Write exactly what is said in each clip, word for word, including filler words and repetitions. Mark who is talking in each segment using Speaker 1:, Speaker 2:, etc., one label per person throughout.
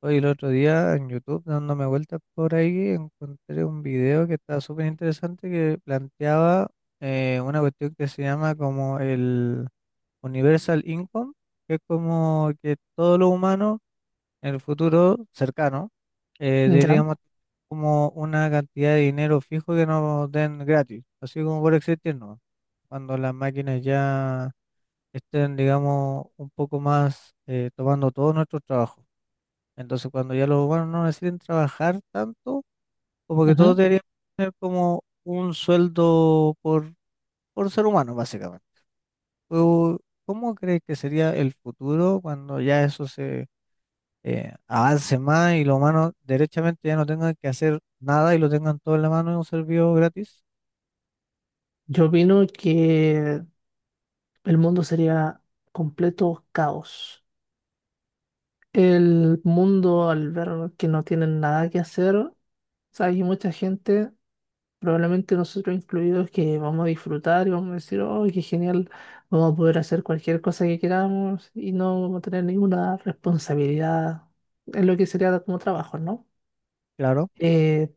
Speaker 1: Hoy el otro día en YouTube, dándome vueltas por ahí, encontré un video que estaba súper interesante que planteaba eh, una cuestión que se llama como el Universal Income, que es como que todos los humanos en el futuro cercano eh,
Speaker 2: Ya,
Speaker 1: deberíamos tener como una cantidad de dinero fijo que nos den gratis, así como por existir, ¿no? Cuando las máquinas ya estén, digamos, un poco más eh, tomando todos nuestros trabajos. Entonces, cuando ya los humanos no necesiten trabajar tanto, como que todos
Speaker 2: ujú.
Speaker 1: deberían tener como un sueldo por, por ser humano, básicamente. Pero, ¿cómo crees que sería el futuro cuando ya eso se eh, avance más y los humanos derechamente ya no tengan que hacer nada y lo tengan todo en la mano en un servicio gratis?
Speaker 2: Yo opino que el mundo sería completo caos. El mundo al ver que no tienen nada que hacer, o sea, hay mucha gente, probablemente nosotros incluidos, que vamos a disfrutar y vamos a decir, oh, qué genial, vamos a poder hacer cualquier cosa que queramos y no vamos a tener ninguna responsabilidad en lo que sería como trabajo, ¿no?
Speaker 1: Claro,
Speaker 2: Eh,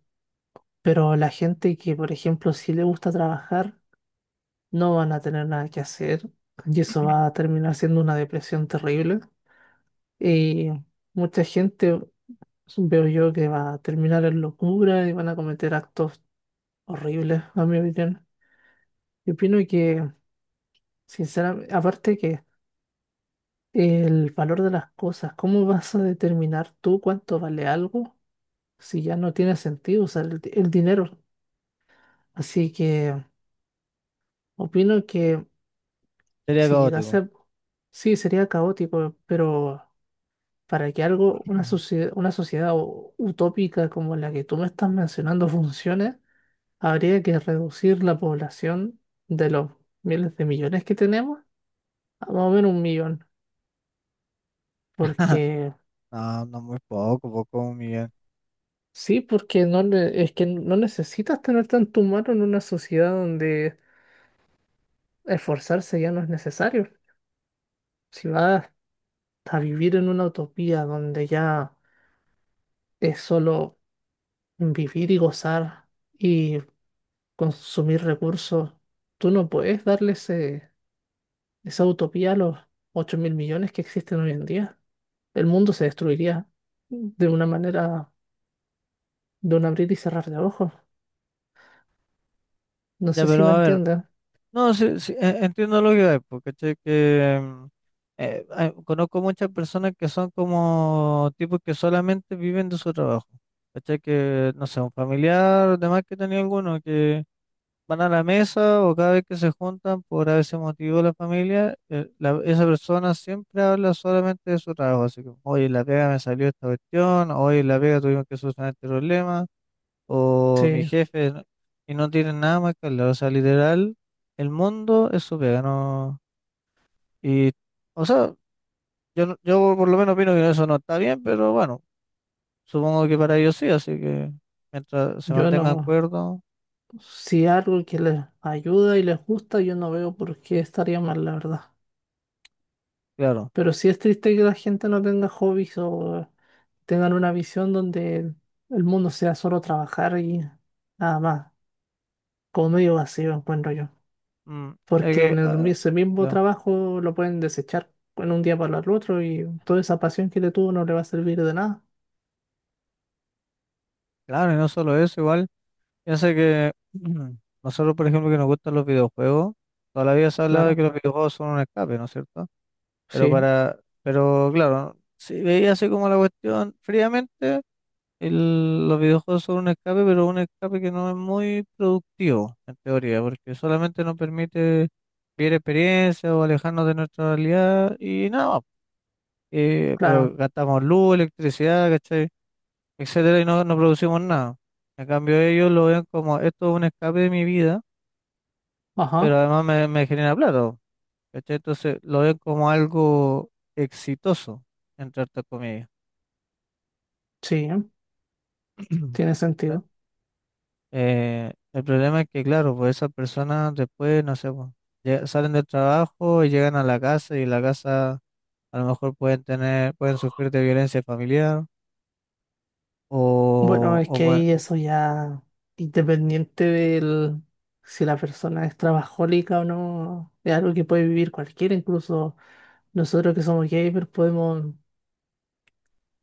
Speaker 2: pero la gente que, por ejemplo, sí le gusta trabajar, no van a tener nada que hacer y eso va a terminar siendo una depresión terrible. Y mucha gente, veo yo, que va a terminar en locura y van a cometer actos horribles, a mi opinión. Yo opino que, sinceramente, aparte que el valor de las cosas, ¿cómo vas a determinar tú cuánto vale algo si ya no tiene sentido usar el, di- el dinero? Así que opino que
Speaker 1: sería
Speaker 2: si llegase
Speaker 1: caótico.
Speaker 2: a. Sí, sería caótico, pero para que algo, una sociedad, una sociedad u- utópica como la que tú me estás mencionando funcione, habría que reducir la población de los miles de millones que tenemos a más o menos un millón. Porque,
Speaker 1: No, no muy poco, poco un millón.
Speaker 2: sí, porque no, ne- es que no necesitas tener tanto humano en una sociedad donde esforzarse ya no es necesario. Si vas a vivir en una utopía donde ya es solo vivir y gozar. Y consumir recursos, tú no puedes darle ese- esa utopía a los ocho mil millones que existen hoy en día. El mundo se destruiría de una manera, de un abrir y cerrar de ojos. No
Speaker 1: Ya,
Speaker 2: sé si
Speaker 1: pero
Speaker 2: me
Speaker 1: a ver,
Speaker 2: entienden.
Speaker 1: no, sí, sí, e- entiendo lo que hay, porque ¿cachai? que mm, eh, ah, conozco muchas personas que son como tipos que solamente viven de su trabajo. ¿Cachai? Que, no sé, un familiar, demás que tenía alguno, que van a la mesa o cada vez que se juntan por ese motivo la familia, eh, la- esa persona siempre habla solamente de su trabajo. Así que, oye, en la pega me salió esta cuestión, oye, en la pega tuvimos que solucionar este problema, o mi
Speaker 2: Sí,
Speaker 1: jefe, ¿no? Y no tienen nada más que hablar. O sea, literal, el mundo es su pega, ¿no? Y. O sea, yo, no- yo por lo menos opino que eso no está bien, pero bueno, supongo que para ellos sí, así que mientras se
Speaker 2: yo
Speaker 1: mantengan
Speaker 2: no.
Speaker 1: acuerdo,
Speaker 2: Si algo que les ayuda y les gusta, yo no veo por qué estaría mal, la verdad.
Speaker 1: claro.
Speaker 2: Pero sí es triste que la gente no tenga hobbies o tengan una visión donde el mundo sea solo trabajar y nada más, como medio vacío, encuentro yo.
Speaker 1: Mm, es
Speaker 2: Porque
Speaker 1: que,
Speaker 2: en el, mi-
Speaker 1: ah,
Speaker 2: ese mismo
Speaker 1: claro,
Speaker 2: trabajo lo pueden desechar en un día para el otro y toda esa pasión que le tuvo no le va a servir de nada.
Speaker 1: claro, y no solo eso, igual, piensa que mm, nosotros, por ejemplo, que nos gustan los videojuegos, toda la vida se ha hablado de
Speaker 2: Claro,
Speaker 1: que los videojuegos son un escape, ¿no es cierto? Pero
Speaker 2: sí,
Speaker 1: para, pero claro, si veía así como la cuestión fríamente, el- los videojuegos son un escape, pero un escape que no es muy productivo, en teoría, porque solamente nos permite vivir experiencias o alejarnos de nuestra realidad y nada más. Eh, pero
Speaker 2: claro,
Speaker 1: gastamos luz, electricidad, ¿cachai? Etcétera, y no, no producimos nada. En cambio, ellos lo ven como esto es un escape de mi vida, pero
Speaker 2: ajá,
Speaker 1: además me, me genera plata, ¿cachai? Entonces lo ven como algo exitoso, entre otras comillas.
Speaker 2: sí, tiene sentido.
Speaker 1: Eh, el problema es que, claro, pues esas personas después, no sé, pues, lle- salen del trabajo y llegan a la casa y en la casa a lo mejor pueden tener, pueden sufrir de violencia familiar
Speaker 2: Bueno, es que
Speaker 1: o,
Speaker 2: ahí eso ya, independiente del si la persona es trabajólica o no, es algo que puede vivir cualquiera, incluso nosotros que somos gamers podemos,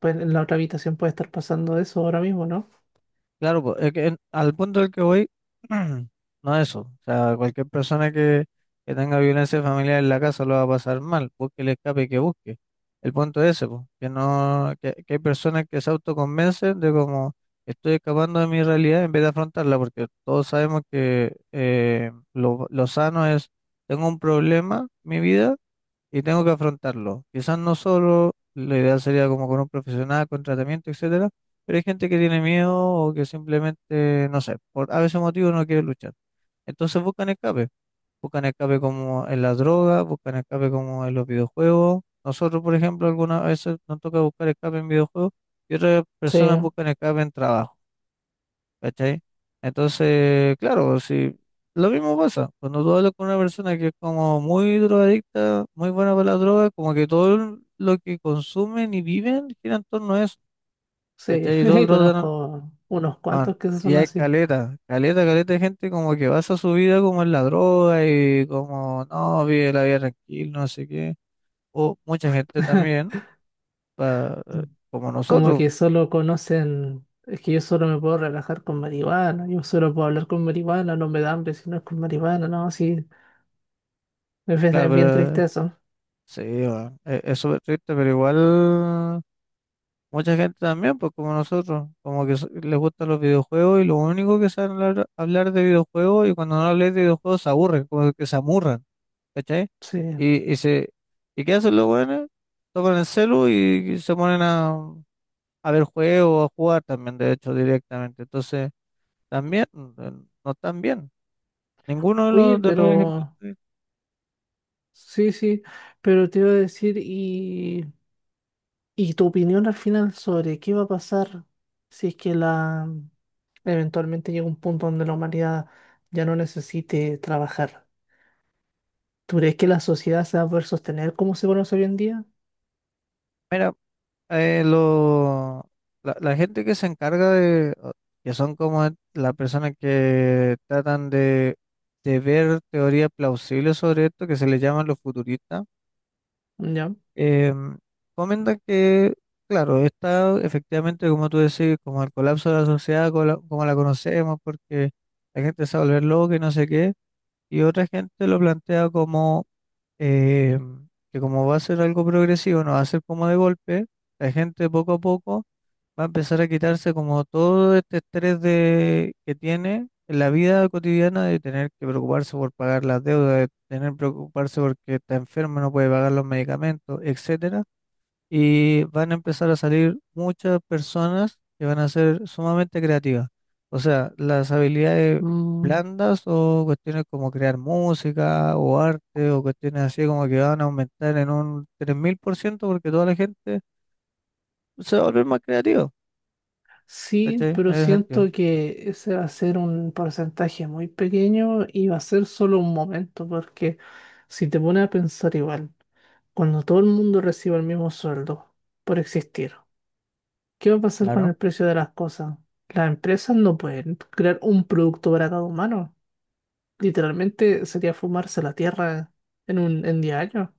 Speaker 2: pues en la otra habitación puede estar pasando eso ahora mismo, ¿no?
Speaker 1: claro, pues, es que en- al punto del que voy, no es eso. O sea, cualquier persona que, que tenga violencia familiar en la casa lo va a pasar mal, busque el escape que busque. El punto es ese, pues, que no, que, que hay personas que se autoconvencen de como estoy escapando de mi realidad en vez de afrontarla, porque todos sabemos que eh, lo, lo sano es, tengo un problema en mi vida y tengo que afrontarlo. Quizás no solo, la idea sería como con un profesional, con tratamiento, etcétera, pero hay gente que tiene miedo o que simplemente, no sé, por a veces motivo no quiere luchar. Entonces buscan escape, buscan escape como en las drogas, buscan escape como en los videojuegos. Nosotros, por ejemplo, algunas veces nos toca buscar escape en videojuegos y otras
Speaker 2: Sí,
Speaker 1: personas buscan escape en trabajo. ¿Cachai? Entonces, claro, si lo mismo pasa, cuando tú hablas con una persona que es como muy drogadicta, muy buena para la droga, como que todo lo que consumen y viven gira en torno a eso,
Speaker 2: sí,
Speaker 1: ¿cachai? Y todo el rato, andan-
Speaker 2: conozco unos
Speaker 1: ah,
Speaker 2: cuantos que
Speaker 1: y
Speaker 2: son
Speaker 1: hay
Speaker 2: así.
Speaker 1: caleta, caleta, caleta de gente como que basa su vida como en la droga y como, no, vive la vida tranquila, no sé qué. O mucha gente también, pa- eh, como
Speaker 2: Como
Speaker 1: nosotros,
Speaker 2: que solo conocen, es que yo solo me puedo relajar con marihuana, yo solo puedo hablar con marihuana, no me da hambre si no es con marihuana, no, sí, es, bien
Speaker 1: claro,
Speaker 2: es bien
Speaker 1: pero
Speaker 2: triste eso.
Speaker 1: sí, bueno, es es súper triste, pero igual. Mucha gente también, pues como nosotros, como que so- les gustan los videojuegos y lo único que saben hablar, hablar, de videojuegos y cuando no hablas de videojuegos se aburren, como que se amurran, ¿cachai?
Speaker 2: Sí.
Speaker 1: Y, y, se, ¿y qué hacen los buenos? Tocan el celu y, se ponen a, a, ver juegos, a jugar también, de hecho, directamente. Entonces, también, mm, eh, no están bien. Ninguno de
Speaker 2: Oye,
Speaker 1: los, de los ejemplos.
Speaker 2: pero,
Speaker 1: que-
Speaker 2: sí, sí, pero te iba a decir, y, y tu opinión al final sobre qué va a pasar si es que la, eventualmente llega un punto donde la humanidad ya no necesite trabajar. ¿Tú crees que la sociedad se va a poder sostener como se conoce hoy en día?
Speaker 1: Mira, eh, lo- la, la gente que se encarga de, o- que son como las personas que tratan de, de ver teorías plausibles sobre esto, que se les llaman los futuristas,
Speaker 2: Ya.
Speaker 1: em, comentan que, claro, está efectivamente, como tú decís, como el colapso de la sociedad, como la, como la conocemos, porque la gente se va a volver loca y no sé qué, y otra gente lo plantea como eh, que como va a ser algo progresivo, no va a ser como de golpe, la gente poco a poco va a empezar a quitarse como todo este estrés de, que tiene en la vida cotidiana de tener que preocuparse por pagar las deudas, de tener que preocuparse porque está enfermo, no puede pagar los medicamentos, etcétera y van a empezar a salir muchas personas que van a ser sumamente creativas. O sea, las habilidades
Speaker 2: Mm.
Speaker 1: blandas o cuestiones como crear música o arte o cuestiones así como que van a aumentar en un tres mil por ciento porque toda la gente se va a volver más creativa,
Speaker 2: Sí,
Speaker 1: ¿cachai? En
Speaker 2: pero
Speaker 1: ese sentido.
Speaker 2: siento que ese va a ser un porcentaje muy pequeño y va a ser solo un momento, porque si te pones a pensar igual, cuando todo el mundo reciba el mismo sueldo por existir, ¿qué va a pasar con
Speaker 1: Claro.
Speaker 2: el precio de las cosas? Las empresas no pueden crear un producto para cada humano. Literalmente sería fumarse la tierra en un en 10 años.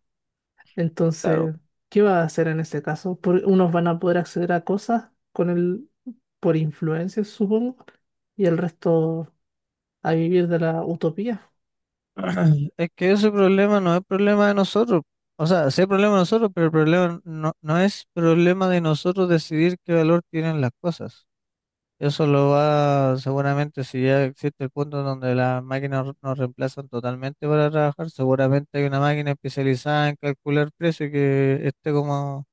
Speaker 1: Claro.
Speaker 2: Entonces, ¿qué va a hacer en ese caso? Por- unos van a poder acceder a cosas con el, por influencia, supongo, y el resto a vivir de la utopía.
Speaker 1: Es que ese problema no es problema de nosotros. O sea, sí es problema de nosotros, pero el problema no, no es problema de nosotros decidir qué valor tienen las cosas. Eso lo va, seguramente, si ya existe el punto donde las máquinas nos reemplazan totalmente para trabajar, seguramente hay una máquina especializada en calcular precios que esté como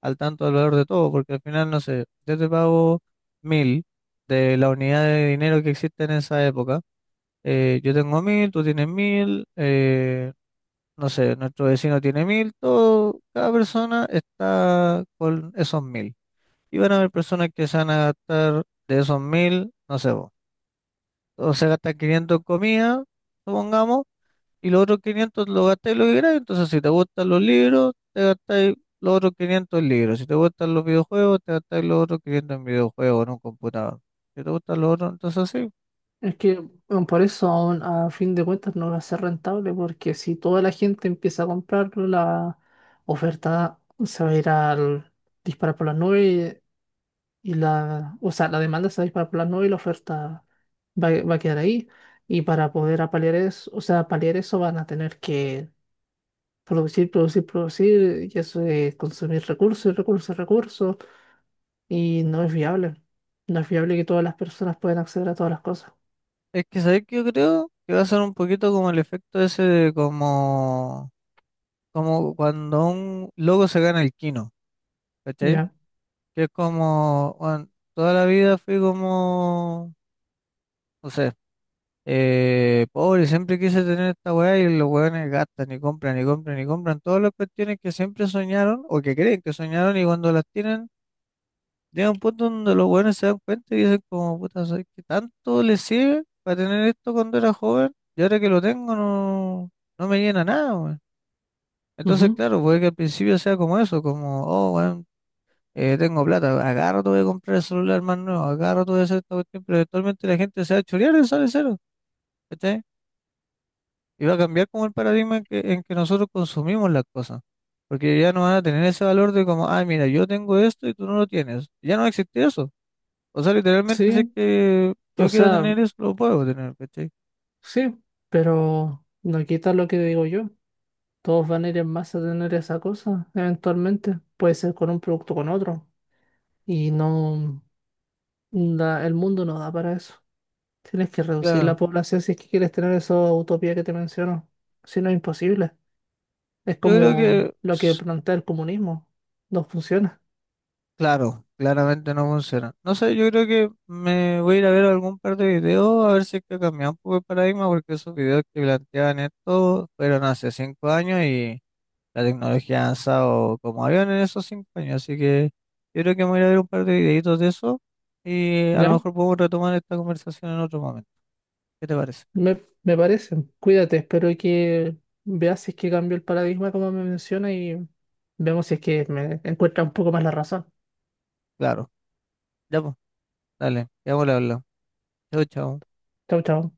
Speaker 1: al tanto del valor de todo, porque al final, no sé, yo te pago mil de la unidad de dinero que existe en esa época, eh, yo tengo mil, tú tienes mil, eh, no sé, nuestro vecino tiene mil, todo, cada persona está con esos mil. Y van a haber personas que se van a gastar de esos mil, no sé. O sea, gastas quinientos en comida, supongamos, y los otros quinientos lo gastáis lo que queráis. Entonces, si te gustan los libros, te gastáis los otros quinientos en libros. Si te gustan los videojuegos, te gastáis los otros quinientos en videojuegos, en un computador. Si te gustan los otros, entonces sí.
Speaker 2: Es que bueno, por eso aún a fin de cuentas no va a ser rentable, porque si toda la gente empieza a comprarlo, la oferta se va a ir al disparar por las nubes y la, o sea, la demanda se va a disparar por las nubes y la oferta va, va a quedar ahí. Y para poder apalear eso, o sea, paliar eso van a tener que producir, producir, producir, y eso es consumir recursos recursos, recursos, y no es viable. No es viable que todas las personas puedan acceder a todas las cosas.
Speaker 1: Es que sabéis que yo creo que va a ser un poquito como el efecto ese de como, como cuando un loco se gana el Kino, ¿cachai?
Speaker 2: Ya.
Speaker 1: Que es como, "Weón, toda la vida fui como, no sé. Eh, pobre, siempre quise tener esta weá y los weones gastan y compran y compran y compran todas las cuestiones que siempre soñaron o que creen que soñaron y cuando las tienen llega un punto donde los weones se dan cuenta y dicen como puta, ¿sabes qué tanto les sirve para tener esto cuando era joven? Y ahora que lo tengo no, no me llena nada, weón. Entonces,
Speaker 2: Ujú.
Speaker 1: claro, puede que al principio sea como eso, como, oh, weón, eh, tengo plata, agarro, te voy a comprar el celular más nuevo, agarro, te voy a hacer esta cuestión, pero eventualmente la gente se va a chorear y sale cero. Y va a cambiar como el paradigma en que, en que nosotros consumimos las cosas. Porque ya no van a tener ese valor de como, ah, mira, yo tengo esto y tú no lo tienes. Ya no existe eso. O sea, literalmente sé
Speaker 2: Sí,
Speaker 1: que
Speaker 2: o
Speaker 1: yo quiero
Speaker 2: sea,
Speaker 1: tener eso, lo puedo tener, ¿cachai?
Speaker 2: sí, pero no quita lo que digo yo. Todos van a ir en masa a tener esa cosa, eventualmente. Puede ser con un producto o con otro. Y no, la- el mundo no da para eso. Tienes que reducir la
Speaker 1: Claro.
Speaker 2: población si es que quieres tener esa utopía que te menciono. Si no, es imposible. Es
Speaker 1: Yo creo
Speaker 2: como
Speaker 1: que,
Speaker 2: lo que
Speaker 1: s-
Speaker 2: plantea el comunismo. No funciona.
Speaker 1: claro, claramente no funciona. No sé, yo creo que me voy a ir a ver algún par de videos a ver si es que ha cambiado un poco el paradigma, porque esos videos que planteaban esto fueron hace cinco años y la tecnología ha avanzado como avión en esos cinco años, así que yo creo que me voy a ir a ver un par de videitos de eso y a lo
Speaker 2: ¿Ya?
Speaker 1: mejor podemos retomar esta conversación en otro momento. ¿Qué te parece?
Speaker 2: Me, me parece. Cuídate, espero que veas si es que cambio el paradigma como me menciona y vemos si es que me encuentra un poco más la razón.
Speaker 1: Claro. Ya pues, dale, ya pues, le hablar. Chao, chao.
Speaker 2: Chau, chau.